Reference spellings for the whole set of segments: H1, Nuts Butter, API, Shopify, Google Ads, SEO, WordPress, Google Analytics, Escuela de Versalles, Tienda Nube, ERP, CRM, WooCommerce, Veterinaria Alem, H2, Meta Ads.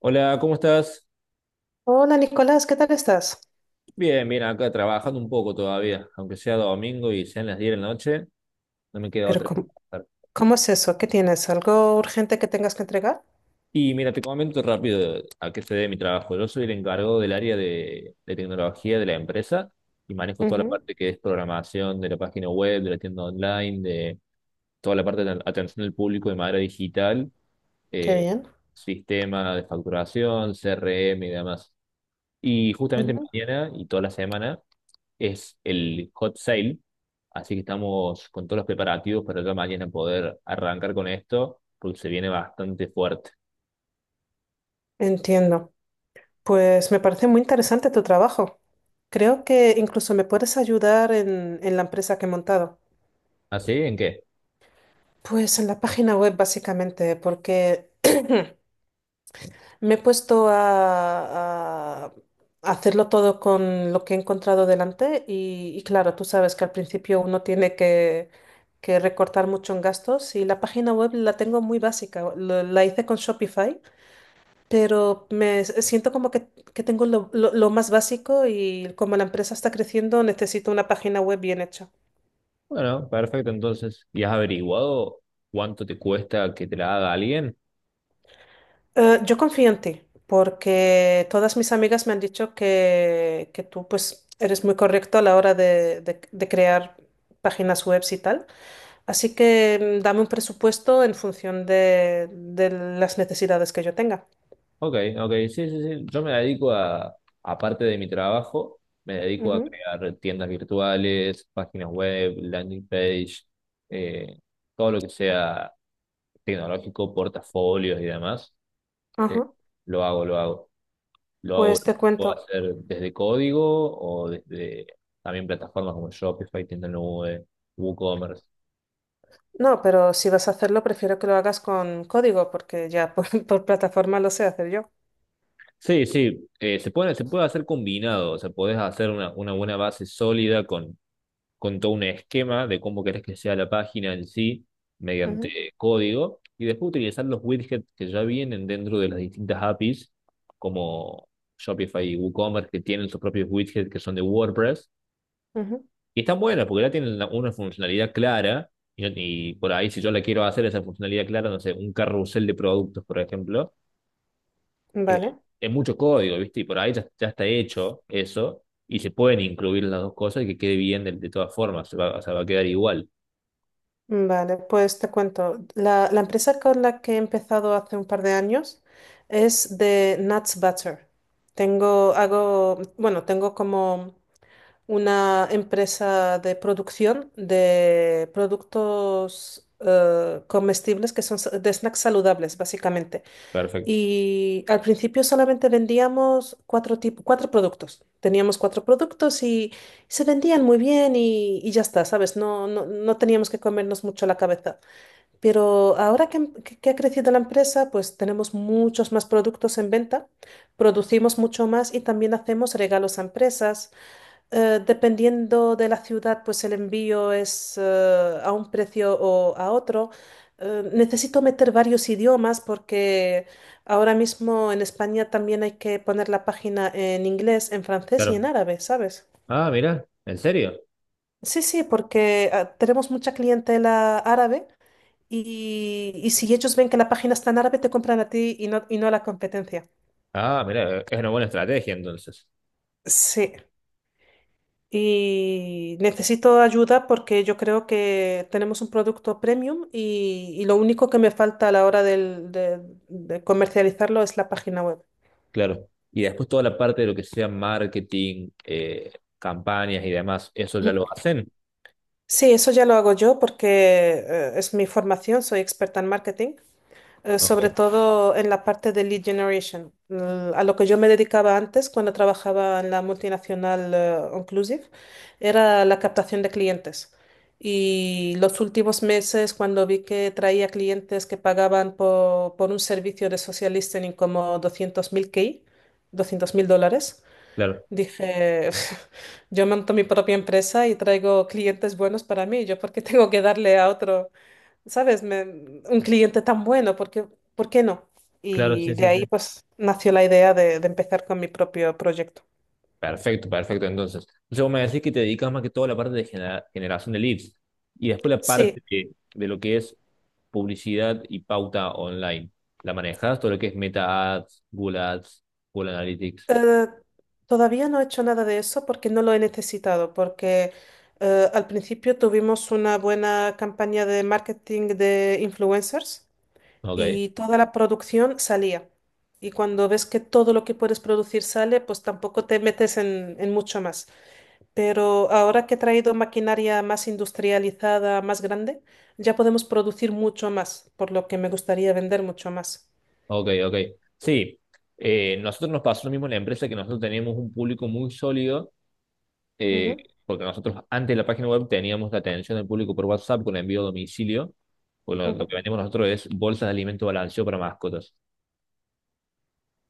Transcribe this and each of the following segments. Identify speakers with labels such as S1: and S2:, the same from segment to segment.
S1: Hola, ¿cómo estás?
S2: Hola Nicolás, ¿qué tal estás?
S1: Bien, bien, acá trabajando un poco todavía, aunque sea domingo y sean las 10 de la noche, no me queda
S2: Pero
S1: otra que
S2: ¿cómo,
S1: trabajar.
S2: cómo es eso? ¿Qué tienes? ¿Algo urgente que tengas que entregar?
S1: Y mira, te comento rápido a qué se debe mi trabajo. Yo soy el encargado del área de tecnología de la empresa y manejo toda la
S2: Ujú.
S1: parte que es programación de la página web, de la tienda online, de toda la parte de atención al público de manera digital,
S2: Qué
S1: eh,
S2: bien.
S1: sistema de facturación, CRM y demás. Y justamente
S2: Ujú.
S1: mañana y toda la semana es el hot sale, así que estamos con todos los preparativos para ya mañana poder arrancar con esto, porque se viene bastante fuerte.
S2: Entiendo. Pues me parece muy interesante tu trabajo. Creo que incluso me puedes ayudar en la empresa que he montado.
S1: ¿Así? ¿En qué?
S2: Pues en la página web básicamente, porque me he puesto a hacerlo todo con lo que he encontrado delante y claro, tú sabes que al principio uno tiene que recortar mucho en gastos y la página web la tengo muy básica, la hice con Shopify, pero me siento como que tengo lo más básico y como la empresa está creciendo necesito una página web bien hecha.
S1: Bueno, perfecto, entonces. ¿Y has averiguado cuánto te cuesta que te la haga alguien?
S2: Yo confío en ti, porque todas mis amigas me han dicho que tú pues eres muy correcto a la hora de crear páginas web y tal. Así que dame un presupuesto en función de las necesidades que yo tenga.
S1: Ok, ok, sí, sí, sí. Yo me dedico aparte de mi trabajo, me dedico a
S2: Ujú.
S1: crear tiendas virtuales, páginas web, landing page, eh, todo lo que sea tecnológico, portafolios y demás. Eh,
S2: Ajá.
S1: lo hago, lo hago. Lo hago,
S2: Pues
S1: lo
S2: te
S1: puedo
S2: cuento.
S1: hacer desde código o desde también plataformas como Shopify, Tienda Nube, WooCommerce.
S2: No, pero si vas a hacerlo, prefiero que lo hagas con código, porque ya por, por plataforma lo sé hacer yo.
S1: Sí, sí, se puede hacer combinado, o sea, podés hacer una buena base sólida con todo un esquema de cómo querés que sea la página en sí
S2: Ujú.
S1: mediante código y después utilizar los widgets que ya vienen dentro de las distintas APIs como Shopify y WooCommerce que tienen sus propios widgets que son de WordPress.
S2: Ujú.
S1: Y está buena porque ya tiene una funcionalidad clara. Y por ahí, si yo la quiero hacer esa funcionalidad clara, no sé, un carrusel de productos, por ejemplo, eh,
S2: Vale.
S1: es mucho código, ¿viste? Y por ahí ya está hecho eso. Y se pueden incluir las dos cosas y que quede bien de todas formas. Se va, o sea, va a quedar igual.
S2: Vale, pues te cuento. La empresa con la que he empezado hace un par de años es de Nuts Butter. Tengo, hago, bueno, tengo como una empresa de producción de productos comestibles que son de snacks saludables, básicamente.
S1: Perfecto.
S2: Y al principio solamente vendíamos cuatro productos. Teníamos cuatro productos y se vendían muy bien y ya está, ¿sabes? No, no, no teníamos que comernos mucho la cabeza. Pero ahora que ha crecido la empresa, pues tenemos muchos más productos en venta, producimos mucho más y también hacemos regalos a empresas. Dependiendo de la ciudad, pues el envío es a un precio o a otro. Necesito meter varios idiomas porque ahora mismo en España también hay que poner la página en inglés, en francés y
S1: Claro.
S2: en árabe, ¿sabes?
S1: Ah, mira, ¿en serio?
S2: Sí, sí, porque tenemos mucha clientela árabe y si ellos ven que la página está en árabe, te compran a ti y no a la competencia.
S1: Ah, mira, es una buena estrategia entonces.
S2: Sí. Y necesito ayuda porque yo creo que tenemos un producto premium y lo único que me falta a la hora de comercializarlo es la página web.
S1: Claro. Y después toda la parte de lo que sea marketing, campañas y demás, ¿eso ya lo hacen?
S2: Sí, eso ya lo hago yo porque es mi formación, soy experta en marketing. eh,
S1: Ok,
S2: sobre todo en la parte de lead generation, a lo que yo me dedicaba antes cuando trabajaba en la multinacional Inclusive, era la captación de clientes. Y los últimos meses, cuando vi que traía clientes que pagaban por un servicio de social listening como 200.000 K, $200.000,
S1: claro,
S2: dije, yo monto mi propia empresa y traigo clientes buenos para mí, yo porque tengo que darle a otro. ¿Sabes? Un cliente tan bueno, ¿por qué no?
S1: claro,
S2: Y
S1: sí,
S2: de
S1: sí, sí.
S2: ahí pues nació la idea de empezar con mi propio proyecto.
S1: Perfecto, perfecto. Entonces, entonces vos me decís que te dedicas más que todo a la parte de generación de leads y después la
S2: Sí,
S1: parte de lo que es publicidad y pauta online. ¿La manejas? Todo lo que es Meta Ads, Google Ads, Google Analytics.
S2: eh, todavía no he hecho nada de eso porque no lo he necesitado, porque al principio tuvimos una buena campaña de marketing de influencers
S1: Ok,
S2: y toda la producción salía. Y cuando ves que todo lo que puedes producir sale, pues tampoco te metes en mucho más. Pero ahora que he traído maquinaria más industrializada, más grande, ya podemos producir mucho más, por lo que me gustaría vender mucho más.
S1: ok, ok. Sí, nosotros nos pasó lo mismo en la empresa que nosotros teníamos un público muy sólido eh,
S2: Ujú.
S1: porque nosotros antes de la página web teníamos la atención del público por WhatsApp con envío a domicilio. Porque lo que
S2: Ujú.
S1: vendemos nosotros es bolsas de alimento balanceado para mascotas.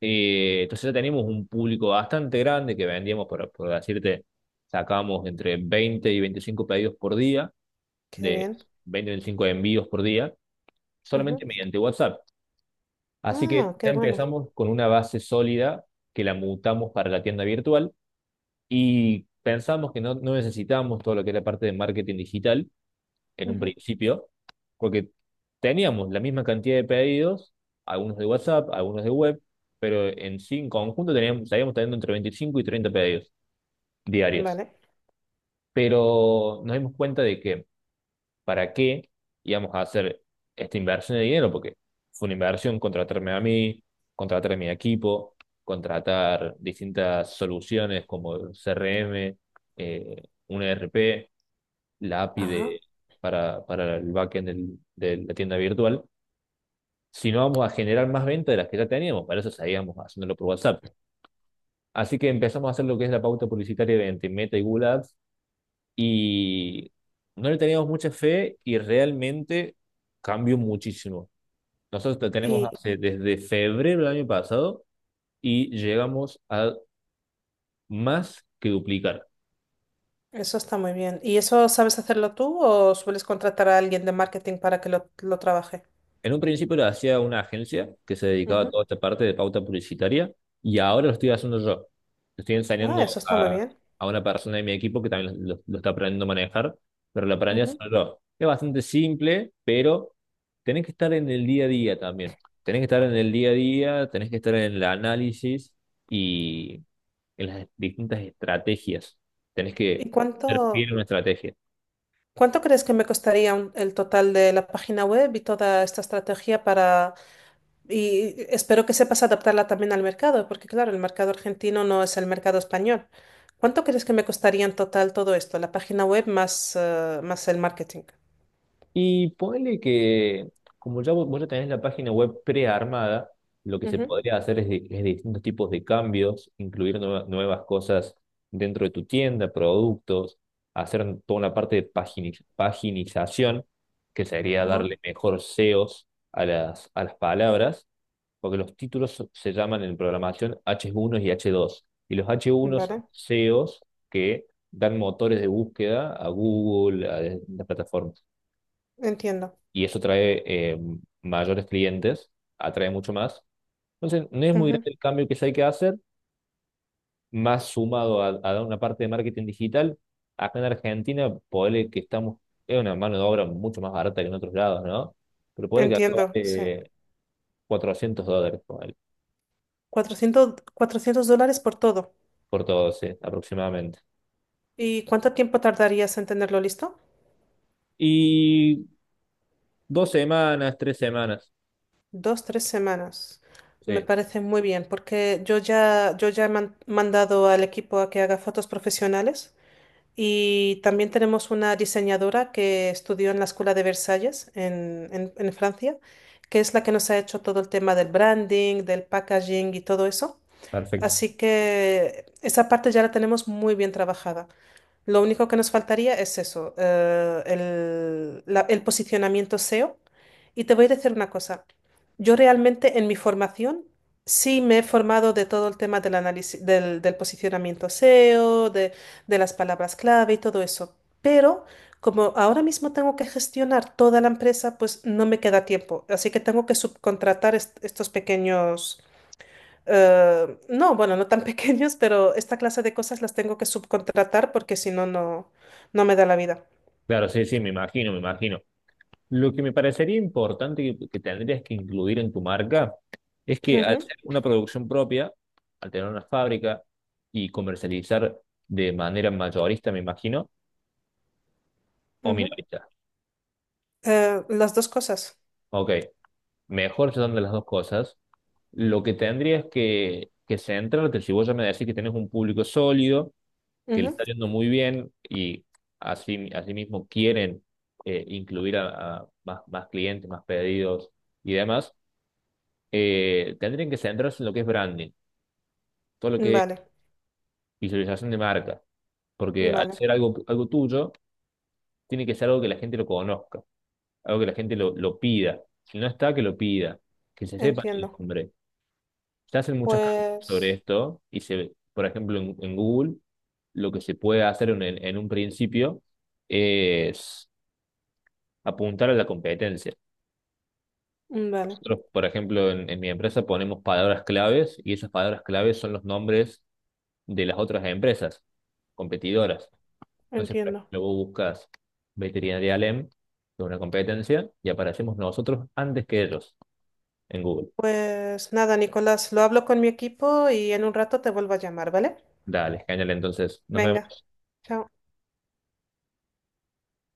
S1: Entonces ya teníamos un público bastante grande que vendíamos, por decirte, sacábamos entre 20 y 25 pedidos por día,
S2: Qué
S1: de
S2: bien.
S1: 20 y 25 envíos por día,
S2: Ujú.
S1: solamente mediante WhatsApp. Así que
S2: Ah,
S1: ya
S2: qué bueno.
S1: empezamos con una base sólida que la mutamos para la tienda virtual y pensamos que no necesitábamos todo lo que es la parte de marketing digital en un
S2: Ujú.
S1: principio, porque teníamos la misma cantidad de pedidos, algunos de WhatsApp, algunos de web, pero en sí, en conjunto teníamos, estaríamos teniendo entre 25 y 30 pedidos diarios.
S2: Vale.
S1: Pero nos dimos cuenta de que para qué íbamos a hacer esta inversión de dinero, porque fue una inversión contratarme a mí, contratar a mi equipo, contratar distintas soluciones como CRM, eh, un ERP, la API
S2: Ah,
S1: para el backend de la tienda virtual, sino vamos a generar más ventas de las que ya teníamos. Para eso seguíamos haciéndolo por WhatsApp. Así que empezamos a hacer lo que es la pauta publicitaria entre Meta y Google Ads y no le teníamos mucha fe y realmente cambió muchísimo. Nosotros tenemos
S2: y
S1: hace, desde febrero del año pasado y llegamos a más que duplicar.
S2: eso está muy bien. ¿Y eso sabes hacerlo tú o sueles contratar a alguien de marketing para que lo trabaje?
S1: En un principio lo hacía una agencia que se dedicaba a
S2: Ujú.
S1: toda esta parte de pauta publicitaria y ahora lo estoy haciendo yo. Lo estoy
S2: Ah,
S1: enseñando
S2: eso está muy bien.
S1: a una persona de mi equipo que también lo está aprendiendo a manejar, pero lo aprendí a hacer
S2: Ujú.
S1: yo. Es bastante simple, pero tenés que estar en el día a día también. Tenés que estar en el día a día, tenés que estar en el análisis y en las distintas estrategias. Tenés que
S2: ¿Y
S1: ser fiel
S2: cuánto,
S1: a una estrategia.
S2: cuánto crees que me costaría el total de la página web y toda esta estrategia para? Y espero que sepas adaptarla también al mercado, porque claro, el mercado argentino no es el mercado español. ¿Cuánto crees que me costaría en total todo esto? La página web más el marketing.
S1: Y ponele que, como ya vos ya tenés la página web prearmada, lo que se
S2: Ujú.
S1: podría hacer es, es distintos tipos de cambios, incluir nuevas cosas dentro de tu tienda, productos, hacer toda una parte de paginización, que sería
S2: Ajá.
S1: darle mejor SEOs a las palabras, porque los títulos se llaman en programación H1 y H2, y los H1
S2: Vale,
S1: son SEOs que dan motores de búsqueda a Google, a las plataformas
S2: entiendo.
S1: y eso trae mayores clientes, atrae mucho más. Entonces, no es muy
S2: Ujú.
S1: grande el cambio que ya hay que hacer, más sumado a una parte de marketing digital. Acá en Argentina, ponele que estamos, es una mano de obra mucho más barata que en otros lados, ¿no? Pero ponele que acá
S2: Entiendo, sí.
S1: vale $400 ponele,
S2: 400, $400 por todo.
S1: por 12 aproximadamente.
S2: ¿Y cuánto tiempo tardarías en tenerlo listo?
S1: Y 2 semanas, 3 semanas.
S2: 2, 3 semanas. Me
S1: Sí,
S2: parece muy bien, porque yo ya he mandado al equipo a que haga fotos profesionales. Y también tenemos una diseñadora que estudió en la Escuela de Versalles en Francia, que es la que nos ha hecho todo el tema del branding, del packaging y todo eso.
S1: perfecto.
S2: Así que esa parte ya la tenemos muy bien trabajada. Lo único que nos faltaría es eso, el posicionamiento SEO. Y te voy a decir una cosa. Yo realmente en mi formación sí me he formado de todo el tema del análisis, del posicionamiento SEO, de las palabras clave y todo eso. Pero como ahora mismo tengo que gestionar toda la empresa, pues no me queda tiempo. Así que tengo que subcontratar estos pequeños no, bueno, no tan pequeños, pero esta clase de cosas las tengo que subcontratar porque si no, no me da la vida.
S1: Claro, sí, sí, me imagino, me imagino. Lo que me parecería importante que tendrías que incluir en tu marca es que al
S2: Ujú.
S1: ser una producción propia, al tener una fábrica y comercializar de manera mayorista, me imagino, o
S2: Ujú.
S1: minorista.
S2: Las dos cosas.
S1: Ok, mejor son de las dos cosas. Lo que tendrías que centrarte, si vos ya me decís que tenés un público sólido, que le
S2: Ujú.
S1: está yendo muy bien y así, mismo quieren incluir a más clientes, más pedidos y demás, tendrían que centrarse en lo que es branding, todo lo que es
S2: Vale,
S1: visualización de marca. Porque al
S2: vale,
S1: ser algo tuyo, tiene que ser algo que la gente lo conozca, algo que la gente lo pida. Si no está, que lo pida, que se sepa el
S2: entiendo.
S1: nombre. Se hacen muchas campañas sobre
S2: Pues,
S1: esto y se, por ejemplo, en Google, lo que se puede hacer en un principio es apuntar a la competencia.
S2: vale,
S1: Nosotros, por ejemplo, en mi empresa ponemos palabras claves y esas palabras claves son los nombres de las otras empresas competidoras. Entonces, por
S2: entiendo.
S1: ejemplo, vos buscas Veterinaria Alem, que es una competencia, y aparecemos nosotros antes que ellos en Google.
S2: Pues nada, Nicolás, lo hablo con mi equipo y en un rato te vuelvo a llamar, ¿vale?
S1: Dale, genial, entonces nos
S2: Venga,
S1: vemos.
S2: chao.